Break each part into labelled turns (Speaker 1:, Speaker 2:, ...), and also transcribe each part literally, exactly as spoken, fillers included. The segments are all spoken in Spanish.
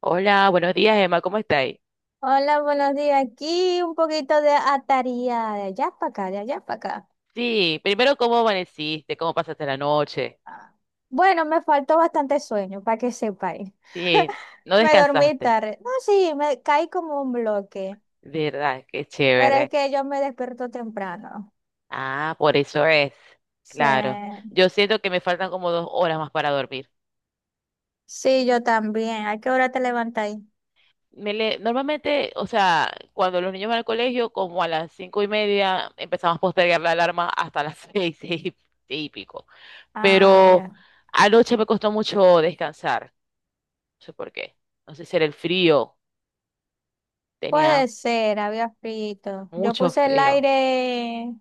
Speaker 1: Hola, buenos días, Emma, ¿cómo estáis?
Speaker 2: Hola, buenos días. Aquí un poquito de ataría de allá para acá, de allá para acá.
Speaker 1: Sí, primero, ¿cómo amaneciste? ¿Cómo pasaste la noche?
Speaker 2: Ah. Bueno, me faltó bastante sueño, para que sepáis.
Speaker 1: Sí, no
Speaker 2: Me dormí
Speaker 1: descansaste.
Speaker 2: tarde. No, sí, me caí como un bloque,
Speaker 1: ¿Verdad? Qué
Speaker 2: pero es
Speaker 1: chévere.
Speaker 2: que yo me despierto temprano.
Speaker 1: Ah, por eso es.
Speaker 2: Sí,
Speaker 1: Claro. Yo siento que me faltan como dos horas más para dormir.
Speaker 2: sí, yo también. ¿A qué hora te levantáis?
Speaker 1: Me le- Normalmente, o sea, cuando los niños van al colegio, como a las cinco y media, empezamos a postergar la alarma hasta las seis, seis y y pico.
Speaker 2: Ah,
Speaker 1: Pero
Speaker 2: ya.
Speaker 1: anoche me costó mucho descansar. No sé por qué. No sé si era el frío. Tenía
Speaker 2: Puede ser, había frito. Yo
Speaker 1: Mucho
Speaker 2: puse el
Speaker 1: frío.
Speaker 2: aire,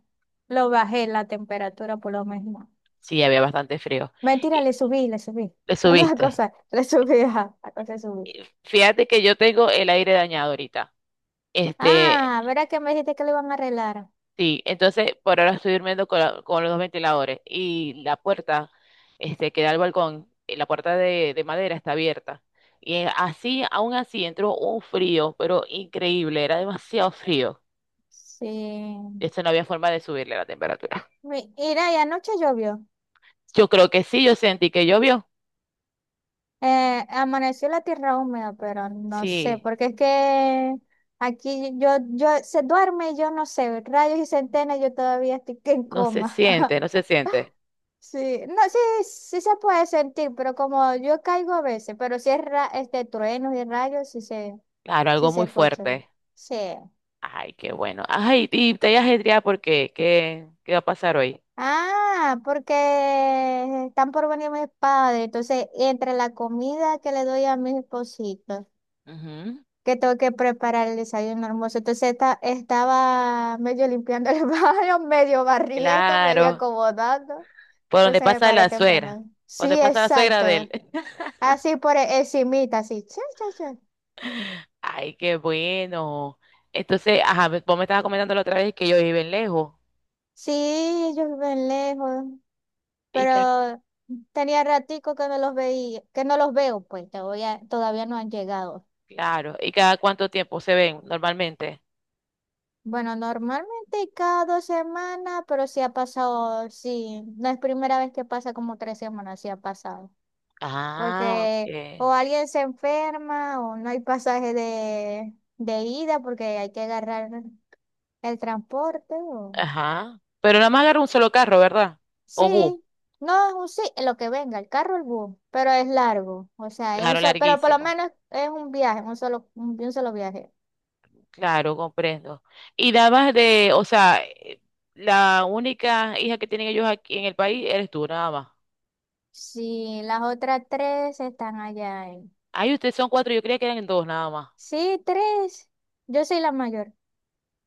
Speaker 2: lo bajé la temperatura por lo menos.
Speaker 1: Sí, había bastante frío.
Speaker 2: Mentira,
Speaker 1: Y
Speaker 2: le subí, le subí.
Speaker 1: te
Speaker 2: La
Speaker 1: subiste.
Speaker 2: cosa, le subí, ajá, la cosa le subí.
Speaker 1: Y Fíjate que yo tengo el aire dañado ahorita. Este,
Speaker 2: Ah, ¿verdad que me dijiste que lo iban a arreglar?
Speaker 1: sí, entonces por ahora estoy durmiendo con, la- con los dos ventiladores y la puerta, este, que da al balcón, eh, la puerta de, de madera está abierta. Y eh, así, aún así, entró un frío, pero increíble, era demasiado frío.
Speaker 2: Sí.
Speaker 1: Eso no había forma de subirle la temperatura.
Speaker 2: Mi- Mira, y anoche llovió.
Speaker 1: Yo creo que sí, yo sentí que llovió.
Speaker 2: Eh, amaneció la tierra húmeda, pero no sé,
Speaker 1: Sí,
Speaker 2: porque es que aquí yo, yo se duerme y yo no sé, rayos y centenas, yo todavía estoy que en
Speaker 1: no se
Speaker 2: coma.
Speaker 1: siente, no se siente.
Speaker 2: Sí, no, sí, sí se puede sentir, pero como yo caigo a veces, pero si es ra- este trueno y rayos, sí se,
Speaker 1: Claro,
Speaker 2: sí
Speaker 1: algo
Speaker 2: se
Speaker 1: muy
Speaker 2: escucha.
Speaker 1: fuerte.
Speaker 2: Sí.
Speaker 1: Ay, qué bueno. Ay, y te hayas ajetreada porque, ¿qué, qué va a pasar hoy?
Speaker 2: Ah, porque están por venir mis padres. Entonces, entre la comida que le doy a mis espositos,
Speaker 1: Ujú.
Speaker 2: que tengo que preparar el desayuno hermoso. Entonces, esta- estaba medio limpiando el baño, medio barriendo, medio
Speaker 1: Claro,
Speaker 2: acomodando.
Speaker 1: por donde
Speaker 2: Entonces, me
Speaker 1: pasa
Speaker 2: paré
Speaker 1: la suegra,
Speaker 2: temprano.
Speaker 1: por donde
Speaker 2: Sí,
Speaker 1: pasa la suegra
Speaker 2: exacto.
Speaker 1: de él.
Speaker 2: Así por e- encimita, así. Cha, cha, cha.
Speaker 1: Ay, qué bueno. Entonces, ajá, me- vos me estabas comentando la otra vez que ellos viven lejos.
Speaker 2: Sí, ellos viven lejos,
Speaker 1: Y que,
Speaker 2: pero tenía ratico que no los veía, que no los veo, pues todavía, todavía no han llegado.
Speaker 1: claro, ¿y cada cuánto tiempo se ven normalmente?
Speaker 2: Bueno, normalmente cada dos semanas, pero sí ha pasado, sí, no es primera vez que pasa como tres semanas, sí ha pasado.
Speaker 1: Ah, ok.
Speaker 2: Porque o alguien se enferma o no hay pasaje de, de ida porque hay que agarrar el transporte. O...
Speaker 1: Ajá. Pero nada más agarra un solo carro, ¿verdad? O bus,
Speaker 2: Sí, no es un sí, lo que venga, el carro o el bus, pero es largo, o sea, es un
Speaker 1: claro,
Speaker 2: solo, pero por lo
Speaker 1: larguísimo.
Speaker 2: menos es un viaje, un solo, un, un solo viaje.
Speaker 1: Claro, comprendo. Y dabas de, o sea, eh, la única hija que tienen ellos aquí en el país eres tú, nada más.
Speaker 2: Sí, las otras tres están allá.
Speaker 1: Ay, ustedes son cuatro, yo creía que eran dos, nada más.
Speaker 2: Sí, tres. Yo soy la mayor.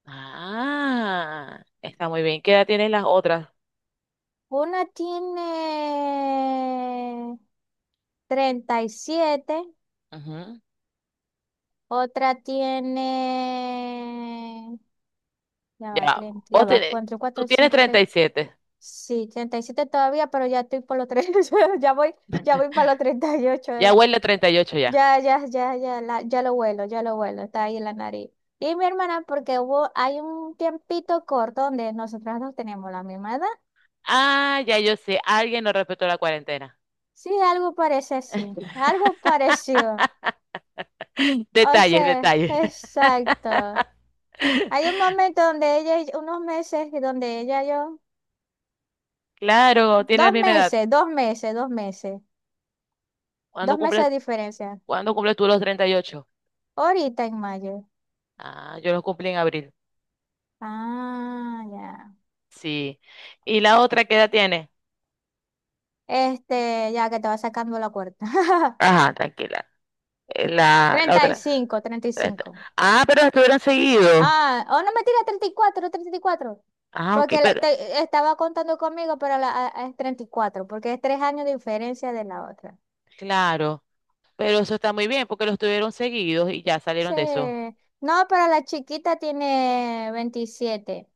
Speaker 1: Ah, está muy bien. ¿Qué edad tienen las otras?
Speaker 2: Una tiene treinta y siete,
Speaker 1: Ujú.
Speaker 2: otra tiene... Ya va,
Speaker 1: Ya,
Speaker 2: treinta, ya
Speaker 1: vos
Speaker 2: va,
Speaker 1: tenés,
Speaker 2: cuatro,
Speaker 1: tú
Speaker 2: cuatro,
Speaker 1: tienes
Speaker 2: cinco,
Speaker 1: treinta
Speaker 2: seis.
Speaker 1: y siete.
Speaker 2: Sí, treinta y siete todavía, pero ya estoy por los treinta, ya voy, ya voy para los treinta y ocho.
Speaker 1: ya
Speaker 2: eh.
Speaker 1: huele a treinta y ocho ya.
Speaker 2: Ya, ya, ya, ya, la- ya lo vuelo, ya lo vuelo, está ahí en la nariz. Y mi hermana, porque hubo, hay un tiempito corto donde nosotras no tenemos la misma edad.
Speaker 1: Ah, ya yo sé, alguien no respetó la cuarentena.
Speaker 2: Sí, algo parece así, algo pareció. O
Speaker 1: Detalles,
Speaker 2: sea,
Speaker 1: detalles.
Speaker 2: exacto. Hay un momento donde ella, y- unos meses, y donde ella y yo,
Speaker 1: Claro, tiene la
Speaker 2: dos
Speaker 1: misma edad.
Speaker 2: meses, dos meses, dos meses,
Speaker 1: ¿Cuándo
Speaker 2: dos meses
Speaker 1: cumples,
Speaker 2: de diferencia.
Speaker 1: cuándo cumples tú los treinta y ocho?
Speaker 2: Ahorita en mayo.
Speaker 1: Ah, yo los cumplí en abril.
Speaker 2: Ah, ya.
Speaker 1: Sí. ¿Y la otra qué edad tiene?
Speaker 2: Este, ya que te va sacando la cuarta.
Speaker 1: Ajá, tranquila. Eh, La, la
Speaker 2: treinta y
Speaker 1: otra.
Speaker 2: cinco. treinta y
Speaker 1: treinta.
Speaker 2: cinco.
Speaker 1: Ah, pero estuvieron seguidos.
Speaker 2: Ah, oh, no me tira treinta treinta y cuatro, treinta y cuatro,
Speaker 1: Ah, ok,
Speaker 2: porque la-
Speaker 1: pero.
Speaker 2: te- estaba contando conmigo, pero la, a- a- es treinta y cuatro, porque es tres años de diferencia de la otra.
Speaker 1: Claro. Pero eso está muy bien porque los tuvieron seguidos y ya
Speaker 2: Sí.
Speaker 1: salieron de eso.
Speaker 2: No, pero la chiquita tiene veintisiete.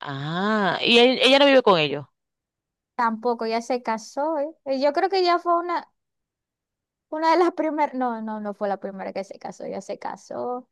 Speaker 1: Ah, y él- ella no vive con ellos.
Speaker 2: Tampoco, ya se casó. ¿Eh? Eh, Yo creo que ya fue una, una de las primeras. No, no, no fue la primera que se casó, ya se casó.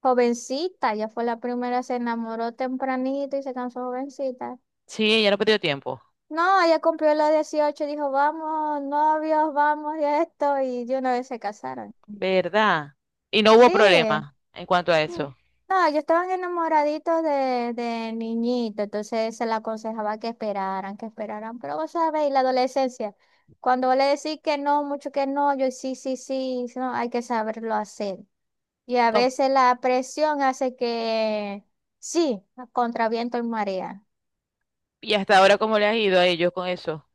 Speaker 2: Jovencita, ya fue la primera, se enamoró tempranito y se casó jovencita.
Speaker 1: Sí, ella no perdió tiempo.
Speaker 2: No, ella cumplió los dieciocho, dijo, vamos, novios, vamos, y esto, y de una vez se casaron.
Speaker 1: ¿Verdad? Y no hubo
Speaker 2: Sí.
Speaker 1: problema en cuanto a
Speaker 2: Mm.
Speaker 1: eso.
Speaker 2: No, ellos estaban enamoraditos de, de niñito, entonces se le aconsejaba que esperaran, que esperaran, pero vos sabéis, la adolescencia, cuando vos le decís que no, mucho que no, yo sí, sí, sí, sí, no, hay que saberlo hacer. Y a
Speaker 1: ¿Cómo-
Speaker 2: veces la presión hace que sí, contra viento y marea.
Speaker 1: ¿Y hasta ahora cómo le has ido a ellos con eso?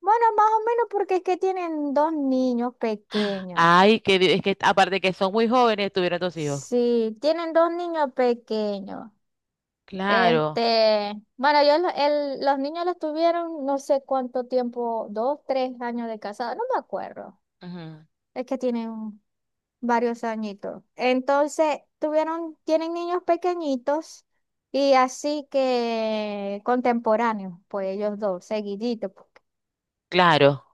Speaker 2: Bueno, más o menos porque es que tienen dos niños pequeños.
Speaker 1: Ay, que di- es que aparte que son muy jóvenes, tuvieron dos hijos.
Speaker 2: Sí, tienen dos niños pequeños.
Speaker 1: Claro.
Speaker 2: Este, bueno, yo lo- el- los niños los tuvieron no sé cuánto tiempo, dos, tres años de casado, no me acuerdo.
Speaker 1: ujú,
Speaker 2: Es que tienen varios añitos. Entonces, tuvieron, tienen niños pequeñitos y así que contemporáneos, pues ellos dos, seguiditos, pues.
Speaker 1: Claro,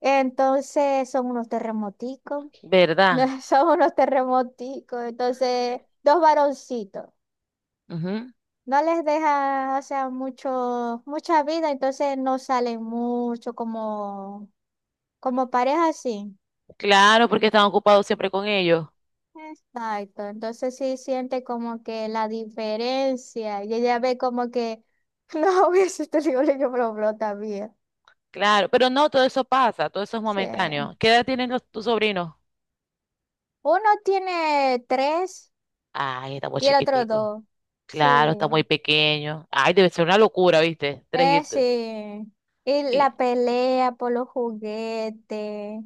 Speaker 2: Entonces, son unos terremoticos,
Speaker 1: ¿verdad?
Speaker 2: son unos terremoticos, entonces, dos varoncitos.
Speaker 1: Ujú.
Speaker 2: No les deja, o sea, mucho, mucha vida, entonces no salen mucho como, como pareja, sí.
Speaker 1: Claro, porque están ocupados siempre con ellos.
Speaker 2: Exacto, entonces sí siente como que la diferencia y ella ve como que, no, hubiese te digo, yo, pero pero también.
Speaker 1: Claro, pero no, todo eso pasa, todo eso es
Speaker 2: Sí.
Speaker 1: momentáneo. ¿Qué edad tienen los, tus sobrinos?
Speaker 2: Uno tiene tres
Speaker 1: Ay, está muy
Speaker 2: y el otro
Speaker 1: chiquitico.
Speaker 2: dos. Sí.
Speaker 1: Claro, está muy pequeño. Ay, debe ser una locura, ¿viste? Tres
Speaker 2: Eh, sí.
Speaker 1: hijitos.
Speaker 2: Y
Speaker 1: Y,
Speaker 2: la pelea por los juguetes.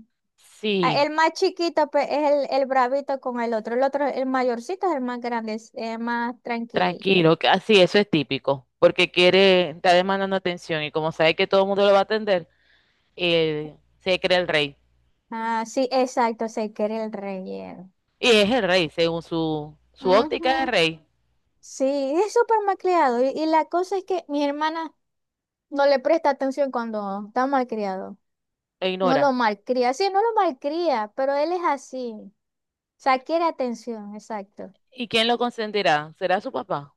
Speaker 2: Ah,
Speaker 1: sí,
Speaker 2: el más chiquito pues, es el, el bravito con el otro. El otro, el mayorcito es el más grande, es el más tranquilito.
Speaker 1: tranquilo, que- así, eso es típico, porque quiere, está demandando atención y como sabe que todo el mundo lo va a atender, eh, se cree el rey.
Speaker 2: Ah, sí, exacto, se quiere el relleno.
Speaker 1: Y es el rey, según su, su óptica de
Speaker 2: Ujú.
Speaker 1: rey,
Speaker 2: Sí, es súper malcriado. Y, y la cosa es que mi hermana no le presta atención cuando está malcriado.
Speaker 1: lo
Speaker 2: No lo
Speaker 1: ignora.
Speaker 2: malcría. Sí, no lo malcría, pero él es así. O sea, quiere atención, exacto.
Speaker 1: ¿Y quién lo consentirá? ¿Será su papá?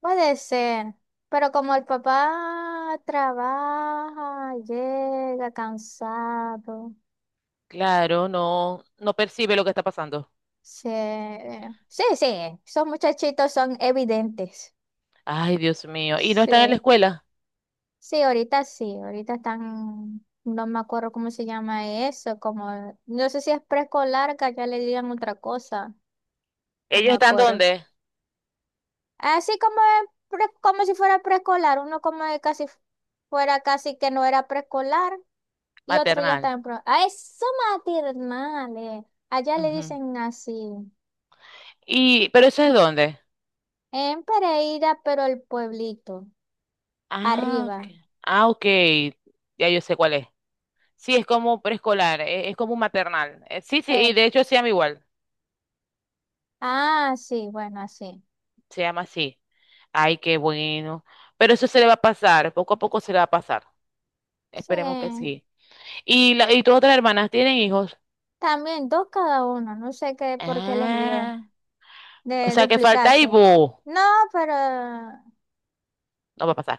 Speaker 2: Puede ser, pero como el papá trabaja, llega cansado,
Speaker 1: Claro, no, no percibe lo que está pasando.
Speaker 2: sí, sí, sí, esos muchachitos son evidentes.
Speaker 1: Ay, Dios mío. ¿Y no
Speaker 2: Sí,
Speaker 1: están en la escuela?
Speaker 2: sí, ahorita sí, ahorita están, no me acuerdo cómo se llama eso, como, no sé si es preescolar, que ya le digan otra cosa, no
Speaker 1: ¿Ellos
Speaker 2: me
Speaker 1: están
Speaker 2: acuerdo.
Speaker 1: dónde?
Speaker 2: Así como, es pre- como si fuera preescolar, uno como de casi fuera casi que no era preescolar. Y otro ya
Speaker 1: Maternal.
Speaker 2: está en pro. ¡Ah, eso maternales! Allá le
Speaker 1: Ujú.
Speaker 2: dicen así.
Speaker 1: Y, ¿pero eso es dónde?
Speaker 2: En Pereira, pero el pueblito.
Speaker 1: Ah, ok.
Speaker 2: Arriba.
Speaker 1: Ah, ok. Ya yo sé cuál es. Sí, es como preescolar, e- es, como un maternal. Eh, sí, sí, y
Speaker 2: Eh.
Speaker 1: de hecho se llama igual.
Speaker 2: Ah, sí, bueno, así.
Speaker 1: Se llama así. Ay, qué bueno. Pero eso se le va a pasar, poco a poco se le va a pasar. Esperemos que
Speaker 2: Sí.
Speaker 1: sí. ¿Y, la, y tus otras hermanas tienen hijos?
Speaker 2: También dos cada uno. No sé qué por qué les dio.
Speaker 1: Ah, o
Speaker 2: De
Speaker 1: sea que falta y
Speaker 2: duplicarse.
Speaker 1: vos.
Speaker 2: No, pero.
Speaker 1: No va a pasar.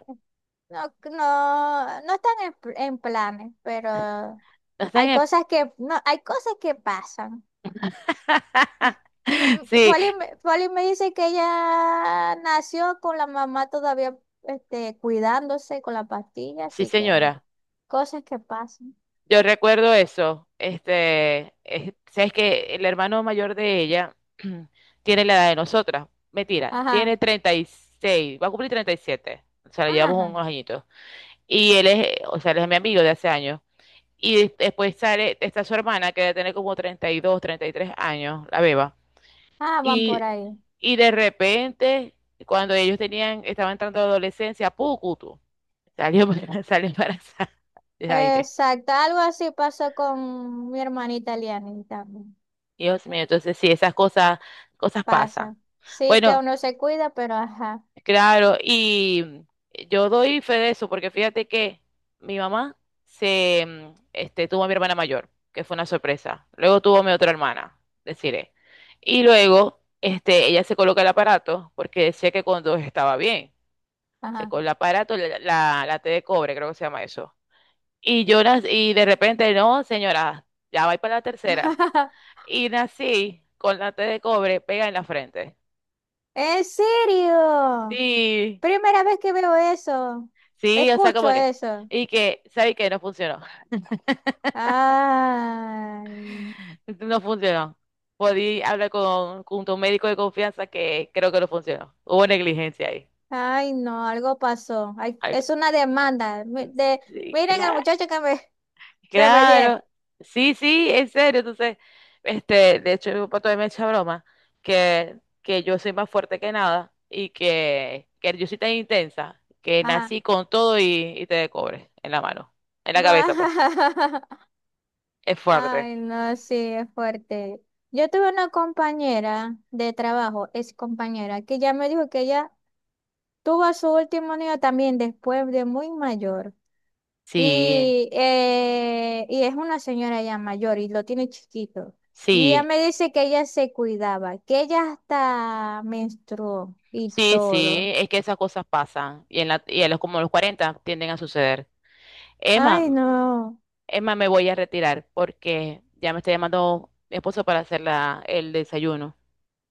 Speaker 2: No, no, no están en, en planes, pero hay cosas que. No, hay cosas que pasan. Mm, mm,
Speaker 1: Sí,
Speaker 2: Folly, me Folly me dice que ella nació con la mamá todavía este, cuidándose con la pastilla,
Speaker 1: sí,
Speaker 2: así que
Speaker 1: señora.
Speaker 2: cosas que pasan.
Speaker 1: Yo recuerdo eso. Este, es- sabes que el hermano mayor de ella tiene la edad de nosotras. Mentira,
Speaker 2: Ajá,
Speaker 1: tiene treinta y seis. va a cumplir treinta y siete. O sea, le llevamos
Speaker 2: ajá,
Speaker 1: unos añitos. Y él es, o sea, él es mi amigo de hace años. Y des- después sale, está su hermana que debe tener como treinta treinta y dos, treinta y tres años, la beba.
Speaker 2: ah, van
Speaker 1: Y,
Speaker 2: por ahí.
Speaker 1: y de repente, cuando ellos tenían, estaban entrando a la adolescencia, ¡pucutu! Salió, para- salió embarazada de aire.
Speaker 2: Exacto, algo así pasó con mi hermanita Liani también.
Speaker 1: Dios mío, entonces sí, esas cosas, cosas pasan.
Speaker 2: Pasa. Sí que
Speaker 1: Bueno,
Speaker 2: uno se cuida, pero ajá,
Speaker 1: claro, y eh, yo doy fe de eso, porque fíjate que mi mamá se, mm, este, tuvo a mi hermana mayor, que fue una sorpresa. Luego tuvo a mi otra hermana, deciré. Y luego, este, ella se coloca el aparato, porque decía que cuando estaba bien. Se
Speaker 2: ajá.
Speaker 1: con el aparato, la, la, la T de cobre, creo que se llama eso. Y Jonas, y de repente, no, señora, ya va para la tercera. Y nací con la T de cobre pega en la frente.
Speaker 2: ¿En serio?
Speaker 1: Sí,
Speaker 2: Primera vez que veo eso.
Speaker 1: sí, o sea, como
Speaker 2: Escucho
Speaker 1: que.
Speaker 2: eso.
Speaker 1: Y que, ¿sabes qué? No funcionó.
Speaker 2: Ay.
Speaker 1: No funcionó. Podí hablar con, con tu médico de confianza que creo que no funcionó. Hubo negligencia ahí.
Speaker 2: Ay, no, algo pasó. Ay,
Speaker 1: Algo.
Speaker 2: es una demanda. Mi- De,
Speaker 1: Sí,
Speaker 2: miren al
Speaker 1: claro.
Speaker 2: muchacho que me, que me di.
Speaker 1: Claro, sí, sí, en serio. Entonces, este, de hecho, mi papá todavía me echa broma que, que yo soy más fuerte que nada y que, que yo soy tan intensa que
Speaker 2: Ajá.
Speaker 1: nací con todo y, y te de cobre en la mano, en la cabeza, pues.
Speaker 2: Va-
Speaker 1: Es fuerte.
Speaker 2: Ay, no, sí, es fuerte. Yo tuve una compañera de trabajo, ex compañera, que ya me dijo que ella tuvo a su último niño también después de muy mayor.
Speaker 1: Sí,
Speaker 2: Y, eh, y es una señora ya mayor y lo tiene chiquito. Y ella
Speaker 1: sí,
Speaker 2: me dice que ella se cuidaba, que ella hasta menstruó y
Speaker 1: sí,
Speaker 2: todo.
Speaker 1: sí, es que esas cosas pasan y en la, y a los como a los cuarenta tienden a suceder. Emma,
Speaker 2: Ay, no.
Speaker 1: Emma, me voy a retirar porque ya me está llamando mi esposo para hacer la, el desayuno.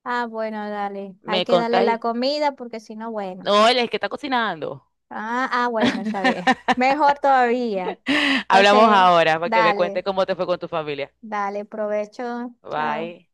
Speaker 2: Ah, bueno, dale.
Speaker 1: ¿Me
Speaker 2: Hay que darle
Speaker 1: contáis?
Speaker 2: la comida porque si no, bueno.
Speaker 1: No, él es el que está cocinando.
Speaker 2: Ah, ah, bueno, está bien. Mejor todavía.
Speaker 1: Hablamos
Speaker 2: Entonces,
Speaker 1: ahora para que me cuentes
Speaker 2: dale,
Speaker 1: cómo te fue con tu familia.
Speaker 2: dale, provecho. Chao.
Speaker 1: Bye.